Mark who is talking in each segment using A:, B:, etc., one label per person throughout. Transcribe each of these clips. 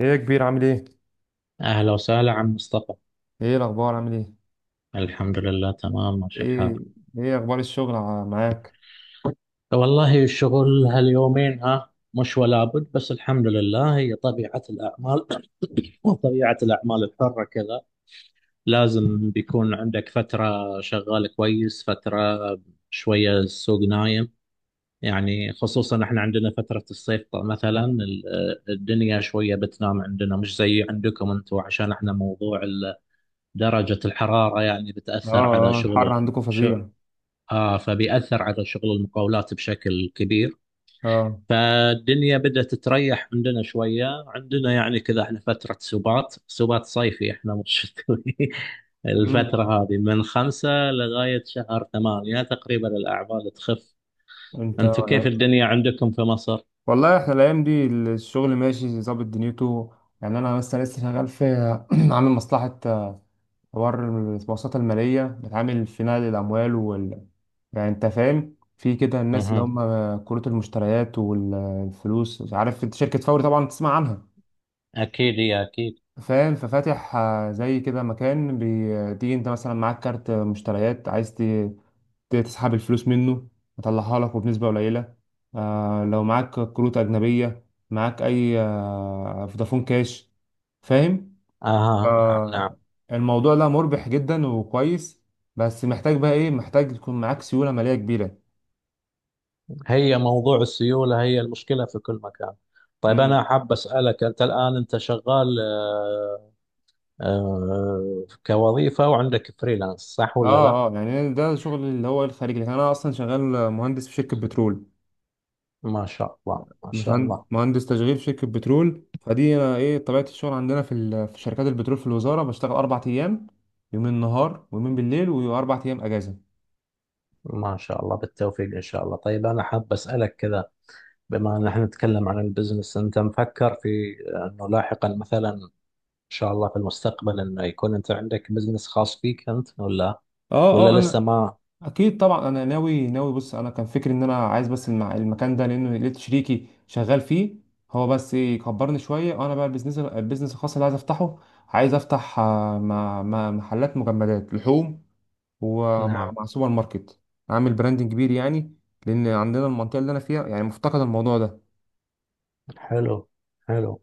A: ايه يا كبير، عامل ايه؟
B: أهلا وسهلا عم مصطفى.
A: ايه الاخبار، عامل ايه؟
B: الحمد لله تمام ماشي الحال.
A: ايه. ايه اخبار الشغل معاك؟
B: والله الشغل هاليومين مش ولا بد، بس الحمد لله هي طبيعة الأعمال وطبيعة الأعمال الحرة كذا. لازم بيكون عندك فترة شغال كويس، فترة شوية السوق نايم. يعني خصوصا احنا عندنا فترة الصيف، الدنيا شوية بتنام عندنا، مش زي عندكم انتم، عشان احنا موضوع درجة الحرارة يعني
A: اه.
B: بتأثر على
A: اه، الحر
B: شغل.
A: عندكم فظيع.
B: آه، فبيأثر على شغل المقاولات بشكل كبير.
A: اه.
B: فالدنيا بدأت تريح عندنا شوية، عندنا يعني كذا احنا فترة سبات، سبات صيفي احنا مش شتوي
A: امم.
B: الفترة هذه من خمسة لغاية شهر ثمانية تقريبا الأعمال تخف.
A: انت،
B: أنتم كيف الدنيا عندكم في مصر؟
A: والله احنا الايام دي الشغل ماشي ظابط دنيته. يعني انا مثلا لسه شغال في عامل مصلحة، حوار المؤسسات المالية بتعامل في نقل الاموال وال، يعني انت فاهم في كده، الناس اللي
B: اها.
A: هم كروت المشتريات والفلوس. مش عارف، انت شركة فوري طبعا تسمع عنها.
B: أكيد هي، أكيد.
A: فاهم؟ ففاتح زي كده مكان، بتيجي انت مثلا معاك كارت مشتريات عايز تسحب الفلوس منه، يطلعها لك وبنسبة قليلة. لو معاك كروت أجنبية، معاك أي فودافون كاش. فاهم؟
B: أها، نعم نعم.
A: آه، الموضوع ده مربح جدا وكويس، بس محتاج بقى إيه، محتاج تكون معاك سيولة مالية كبيرة.
B: هي موضوع السيولة هي المشكلة في كل مكان. طيب
A: مم.
B: أنا حاب أسألك، أنت الآن أنت شغال آه، كوظيفة وعندك فريلانس، صح
A: اه
B: ولا لا؟
A: اه، يعني ده شغل اللي هو الخارجي، لكن انا اصلا شغال مهندس في شركة بترول.
B: ما شاء الله، ما شاء
A: مساعد-
B: الله.
A: مهندس تشغيل في شركة بترول، فدي أنا إيه طبيعة الشغل عندنا في في شركات البترول في الوزارة. بشتغل أربع أيام، يومين نهار ويومين بالليل، وأربع أيام أجازة.
B: ما شاء الله بالتوفيق إن شاء الله. طيب أنا حاب أسألك كذا، بما أن احنا نتكلم عن البزنس، أنت مفكر في أنه لاحقا مثلا إن شاء الله في المستقبل أنه يكون أنت عندك بزنس خاص فيك أنت، ولا
A: أه أه
B: ولا
A: تمام.
B: لسه
A: أنا
B: ما؟
A: أكيد طبعا أنا ناوي ناوي. بص، أنا كان فكري إن أنا عايز بس المكان ده لأنه لقيت شريكي شغال فيه، هو بس إيه يكبرني شوية. وأنا بقى البيزنس، البيزنس الخاص اللي عايز أفتحه، عايز أفتح مع محلات مجمدات لحوم، ومع
B: نعم.
A: مع سوبر ماركت، عامل براندنج كبير يعني، لان عندنا المنطقه اللي انا فيها يعني مفتقد الموضوع ده.
B: حلو، حلو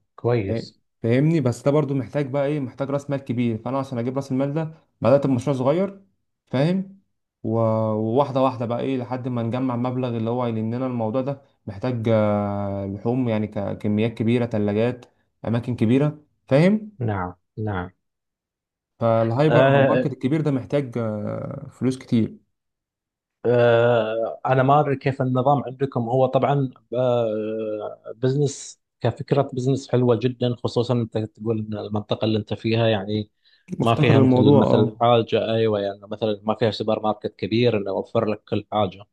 A: إيه،
B: كويس.
A: فاهمني؟ بس ده برضو محتاج بقى ايه، محتاج راس مال كبير. فانا عشان اجيب راس المال ده، بدات بمشروع صغير. فاهم؟ و- وواحده واحده بقى ايه، لحد ما نجمع مبلغ، اللي هو لاننا الموضوع ده محتاج لحوم يعني كميات كبيره، ثلاجات، اماكن كبيره. فاهم؟
B: نعم نعم.
A: فالهايبر او الماركت
B: آه،
A: الكبير ده محتاج فلوس كتير.
B: آه، انا ما ادري كيف النظام عندكم. هو طبعا آه، بزنس كفكره بزنس حلوه جدا، خصوصا انت تقول ان المنطقه اللي انت فيها يعني ما
A: مفتقر
B: فيها مثل
A: الموضوع،
B: مثل
A: اه.
B: حاجه، ايوه يعني مثلا ما فيها سوبر ماركت كبير انه يوفر لك كل حاجه.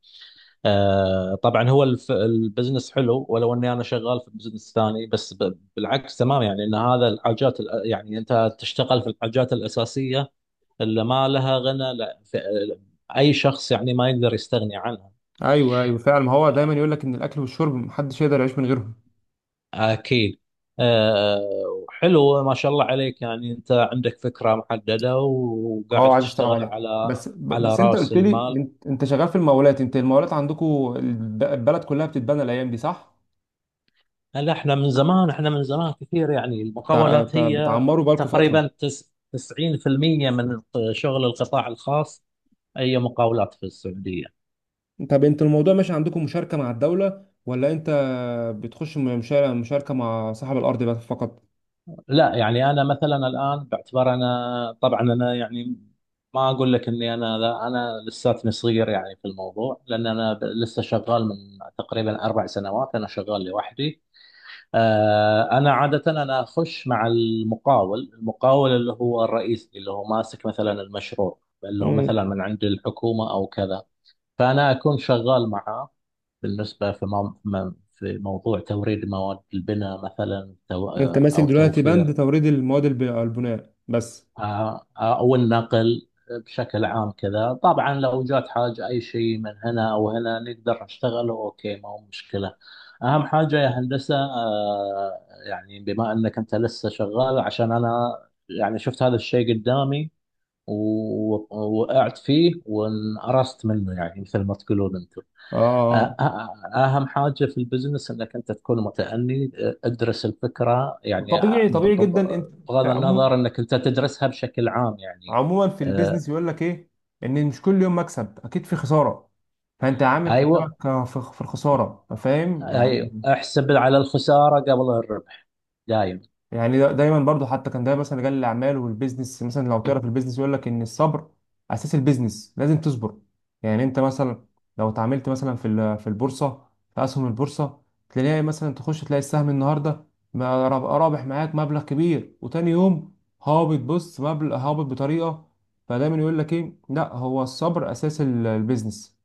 B: آه، طبعا هو البزنس حلو، ولو اني انا شغال في بزنس ثاني، بس بالعكس تمام، يعني ان هذا الحاجات يعني انت تشتغل في الحاجات الاساسيه اللي ما لها غنى، لا ف- اي شخص يعني ما يقدر يستغني عنها.
A: ايوه ايوه، فعلا. ما هو دايما يقول لك ان الاكل والشرب محدش يقدر يعيش من غيرهم.
B: اكيد. أه، وحلو ما شاء الله عليك، يعني انت عندك فكرة محددة وقاعد
A: اه، عايز اشتغل
B: تشتغل
A: عليها.
B: على
A: بس
B: على
A: بس انت
B: رأس
A: قلت لي
B: المال.
A: انت شغال في المقاولات. انت المقاولات عندكم البلد كلها بتتبنى الايام دي، صح؟
B: هل احنا من زمان، احنا من زمان كثير يعني المقاولات هي
A: بتعمروا بقالكم فتره.
B: تقريبا 90% من شغل القطاع الخاص هي مقاولات في السعودية.
A: طب انت الموضوع ماشي عندكم، مشاركه مع الدوله، ولا انت بتخش مشاركه مع صاحب الارض بس فقط؟
B: لا يعني انا مثلا الان باعتبار، انا طبعا انا يعني ما اقول لك اني انا، لا انا لساتني صغير يعني في الموضوع، لان لسه شغال من تقريبا اربع سنوات انا شغال لوحدي. آه، انا عاده انا اخش مع المقاول، المقاول اللي هو الرئيس اللي هو ماسك مثلا المشروع اللي هو
A: امم.
B: مثلا من عند الحكومه او كذا. فانا اكون شغال معه بالنسبه في مو- في موضوع توريد مواد البناء مثلا،
A: انت ماسك
B: او
A: دلوقتي
B: توفير.
A: بند توريد المواد البناء بس؟
B: آه، آه، او النقل بشكل عام كذا. طبعا لو جات حاجه اي شيء من هنا او هنا نقدر نشتغله، اوكي ما هو مشكله. اهم حاجه يا هندسه آه، يعني بما انك انت لسه شغال، عشان انا يعني شفت هذا الشيء قدامي ووقعت فيه وانقرصت منه يعني مثل ما تقولون انتم.
A: اه.
B: أهم حاجة في البزنس أنك أنت تكون متأني، ادرس الفكرة يعني.
A: طبيعي،
B: ب-
A: طبيعي
B: ب- ب-
A: جدا. انت
B: بغض النظر أنك أنت تدرسها بشكل عام يعني.
A: عموما في
B: أه،
A: البيزنس يقول لك ايه، ان مش كل يوم مكسب، اكيد في خساره. فانت عامل
B: أيوة،
A: حسابك في الخساره، فاهم يعني.
B: أيوة احسب على الخسارة قبل الربح دايم.
A: يعني دايما برضو، حتى كان ده مثلا رجال الاعمال والبيزنس، مثلا لو تعرف البيزنس يقول لك ان الصبر اساس البيزنس، لازم تصبر. يعني انت مثلا لو اتعاملت مثلا في في البورصه، في اسهم البورصه، تلاقي مثلا تخش تلاقي السهم النهارده رابح معاك مبلغ كبير، وتاني يوم هابط. بص، مبلغ هابط بطريقه. فدايما يقول لك ايه، لا هو الصبر اساس البيزنس،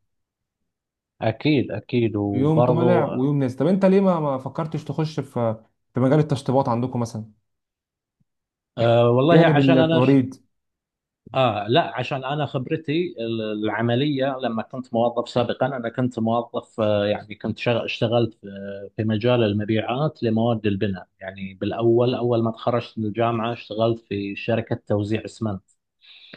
B: أكيد أكيد
A: يوم طالع
B: وبرضو.
A: ويوم نازل. طب انت ليه ما فكرتش تخش في مجال التشطيبات عندكم مثلا،
B: أه، والله
A: جانب
B: عشان أنا
A: التوريد؟
B: آه، لا عشان أنا خبرتي العملية لما كنت موظف سابقا، أنا كنت موظف آه، يعني اشتغلت في آه، في مجال المبيعات لمواد البناء، يعني بالأول أول ما تخرجت من الجامعة اشتغلت في شركة توزيع اسمنت،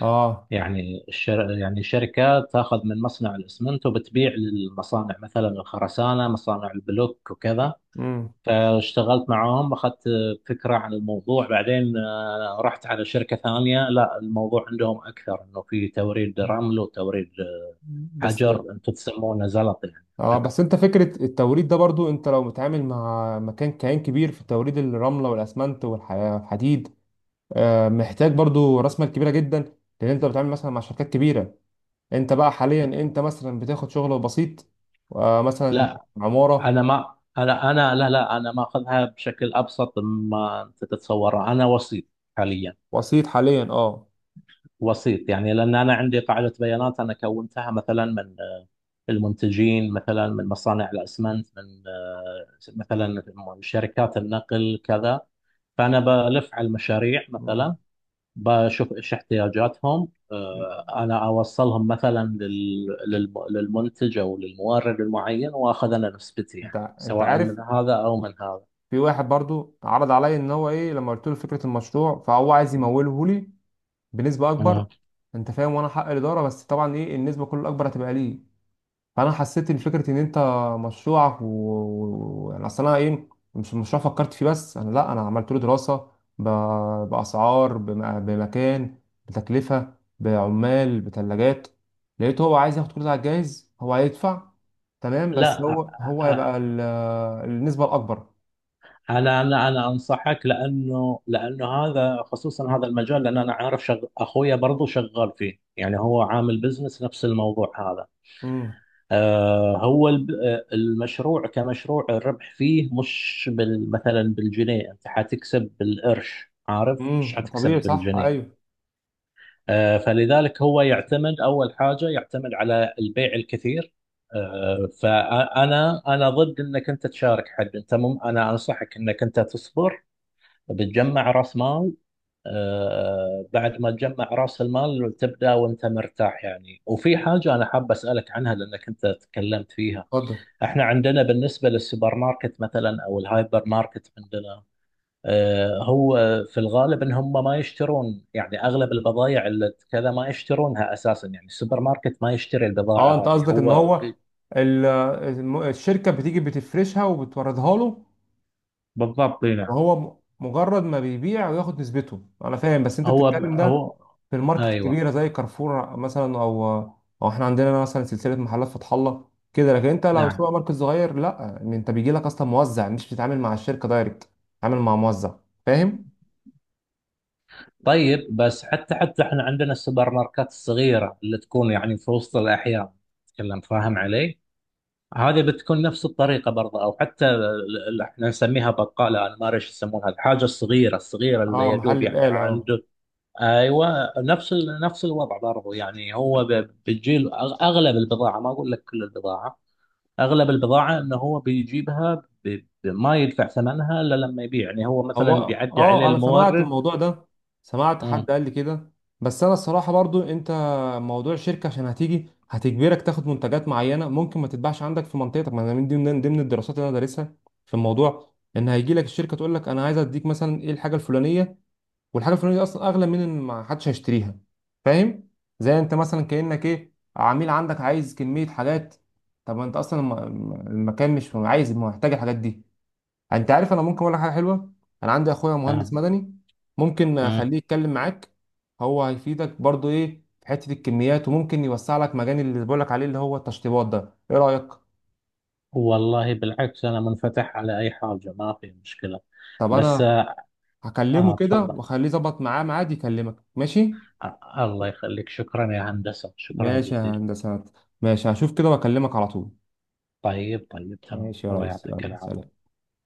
A: اه.
B: يعني يعني شركة تاخذ من مصنع الاسمنت وبتبيع للمصانع مثلا الخرسانة، مصانع البلوك وكذا.
A: امم.
B: فاشتغلت معاهم، اخذت فكره عن الموضوع، بعدين آه، رحت على شركه ثانيه، لا الموضوع عندهم اكثر انه في توريد رمل وتوريد
A: بس
B: حجر انتم تسمونه زلط يعني
A: اه،
B: عندكم.
A: بس انت فكرة التوريد ده برضو، انت لو متعامل مع مكان كيان كبير في توريد الرملة والاسمنت والحديد، آه محتاج برضو راس مال كبيرة جدا، لان انت بتتعامل مثلا مع شركات كبيرة. انت بقى حاليا انت مثلا بتاخد شغل بسيط، آه مثلا
B: لا انا
A: عمارة.
B: ما انا، انا لا انا ماخذها بشكل ابسط مما انت تتصوره، انا وسيط حاليا.
A: بسيط حاليا، اه.
B: وسيط يعني لان انا عندي قاعده بيانات انا كونتها مثلا من آه، المنتجين، مثلا من مصانع الاسمنت، من آه، مثلا شركات النقل كذا. فأنا بلف على المشاريع مثلا
A: امم.
B: بشوف إيش احتياجاتهم، آه، أنا أوصلهم مثلا للمنتج أو للمورد المعين، وآخذ أنا نسبتي
A: انت
B: يعني
A: انت
B: سواء
A: عارف،
B: من هذا أو من هذا.
A: في واحد برضو عرض عليا ان هو ايه، لما قلت له فكرة المشروع فهو عايز يموله لي بنسبه اكبر،
B: اه،
A: انت فاهم، وانا حق الاداره. بس طبعا ايه، النسبه كل الاكبر هتبقى ليه. فانا حسيت ان فكره ان انت مشروعك و… و… يعني اصل انا ايه، مش مشروع فكرت فيه، بس انا لا انا عملت له دراسه، ب… باسعار، بمكان، بتكلفه، بعمال، بثلاجات. لقيته هو عايز ياخد كل ده على الجاهز. هو هيدفع تمام، بس
B: لا.
A: هو هو هيبقى
B: أ-
A: النسبه الاكبر.
B: انا انا انصحك، لانه لانه هذا خصوصا هذا المجال، لان انا عارف اخويا برضو شغال فيه، يعني هو عامل بزنس نفس الموضوع هذا.
A: امم.
B: آه، هو المشروع كمشروع الربح فيه مش بال مثلا بالجنيه، انت حتكسب بالقرش عارف، مش
A: امم،
B: حتكسب
A: طبيعي، صح،
B: بالجنيه.
A: ايوه.
B: آه، فلذلك هو يعتمد اول حاجه، يعتمد على البيع الكثير. آه، فانا انا ضد انك انت تشارك حد انت، مم انا انصحك انك انت تصبر، بتجمع راس مال. آه، بعد ما تجمع راس المال تبدا وانت مرتاح يعني. وفي حاجه انا حاب اسالك عنها لانك انت تكلمت فيها.
A: اتفضل.
B: احنا عندنا بالنسبة للسوبر ماركت مثلا او الهايبر ماركت عندنا آه، هو في الغالب ان هم ما يشترون يعني اغلب البضائع اللي كذا ما يشترونها اساسا، يعني السوبر ماركت ما يشتري البضاعة
A: اه، انت
B: هذه
A: قصدك ان هو الشركه بتيجي بتفرشها وبتوردها له،
B: بالضبط اي نعم.
A: وهو مجرد ما بيبيع وياخد نسبته. انا فاهم، بس انت
B: هو
A: بتتكلم ده
B: هو.
A: في الماركت
B: ايوه.
A: الكبيره زي كارفور مثلا، او او احنا عندنا مثلا سلسله محلات فتح الله كده. لكن انت لو
B: نعم.
A: سوبر ماركت صغير، لا، إن انت بيجي لك اصلا موزع، مش بتتعامل مع الشركه دايركت، بتتعامل مع موزع. فاهم؟
B: طيب بس حتى، حتى احنا عندنا السوبر ماركات الصغيره اللي تكون يعني في وسط الاحياء تتكلم، فاهم علي؟ هذه بتكون نفس الطريقة برضه. أو حتى احنا نسميها بقالة، أنا ما أدري إيش يسمونها، الحاجة الصغيرة الصغيرة اللي
A: اه،
B: يدوب
A: محل
B: يعني
A: بقال، اه.
B: عنده. أيوة، نفس الوضع برضه، يعني بتجيل أغلب البضاعة، ما أقول لك كل البضاعة، أغلب البضاعة إنه هو بيجيبها، ب- ما يدفع ثمنها إلا لما يبيع، يعني هو
A: هو
B: مثلا بيعدي عليه
A: اه، انا سمعت
B: المورد.
A: الموضوع ده، سمعت حد
B: أمم،
A: قال لي كده. بس انا الصراحه برضو، انت موضوع الشركه عشان هتيجي هتجبرك تاخد منتجات معينه ممكن ما تتباعش عندك في منطقتك. ما انا من ضمن الدراسات اللي انا دارسها في الموضوع، ان هيجي لك الشركه تقول لك انا عايز اديك مثلا ايه الحاجه الفلانيه، والحاجه الفلانيه دي اصلا اغلى من ان ما حدش هيشتريها. فاهم؟ زي انت مثلا كانك ايه، عميل عندك عايز كميه حاجات، طب ما انت اصلا المكان مش عايز، محتاج الحاجات دي. انت عارف، انا ممكن اقول لك حاجه حلوه. انا عندي اخويا مهندس
B: آه،
A: مدني، ممكن
B: أمم.
A: اخليه يتكلم معاك. هو هيفيدك برضو ايه في حته الكميات، وممكن يوسع لك مجال اللي بقول لك عليه اللي هو التشطيبات ده. ايه رايك؟
B: والله بالعكس أنا منفتح على أي حاجة، ما في مشكلة.
A: طب
B: بس
A: انا
B: آه.
A: هكلمه
B: آه،
A: كده
B: تفضل.
A: واخليه يظبط معاه ميعاد يكلمك، ماشي؟
B: أ- الله يخليك، شكرا يا هندسة، شكرا
A: ماشي يا
B: جزيلا.
A: هندسه، ماشي. هشوف كده واكلمك على طول.
B: طيب طيب تمام،
A: ماشي يا
B: الله
A: ريس،
B: يعطيك
A: يلا
B: العافية.
A: سلام.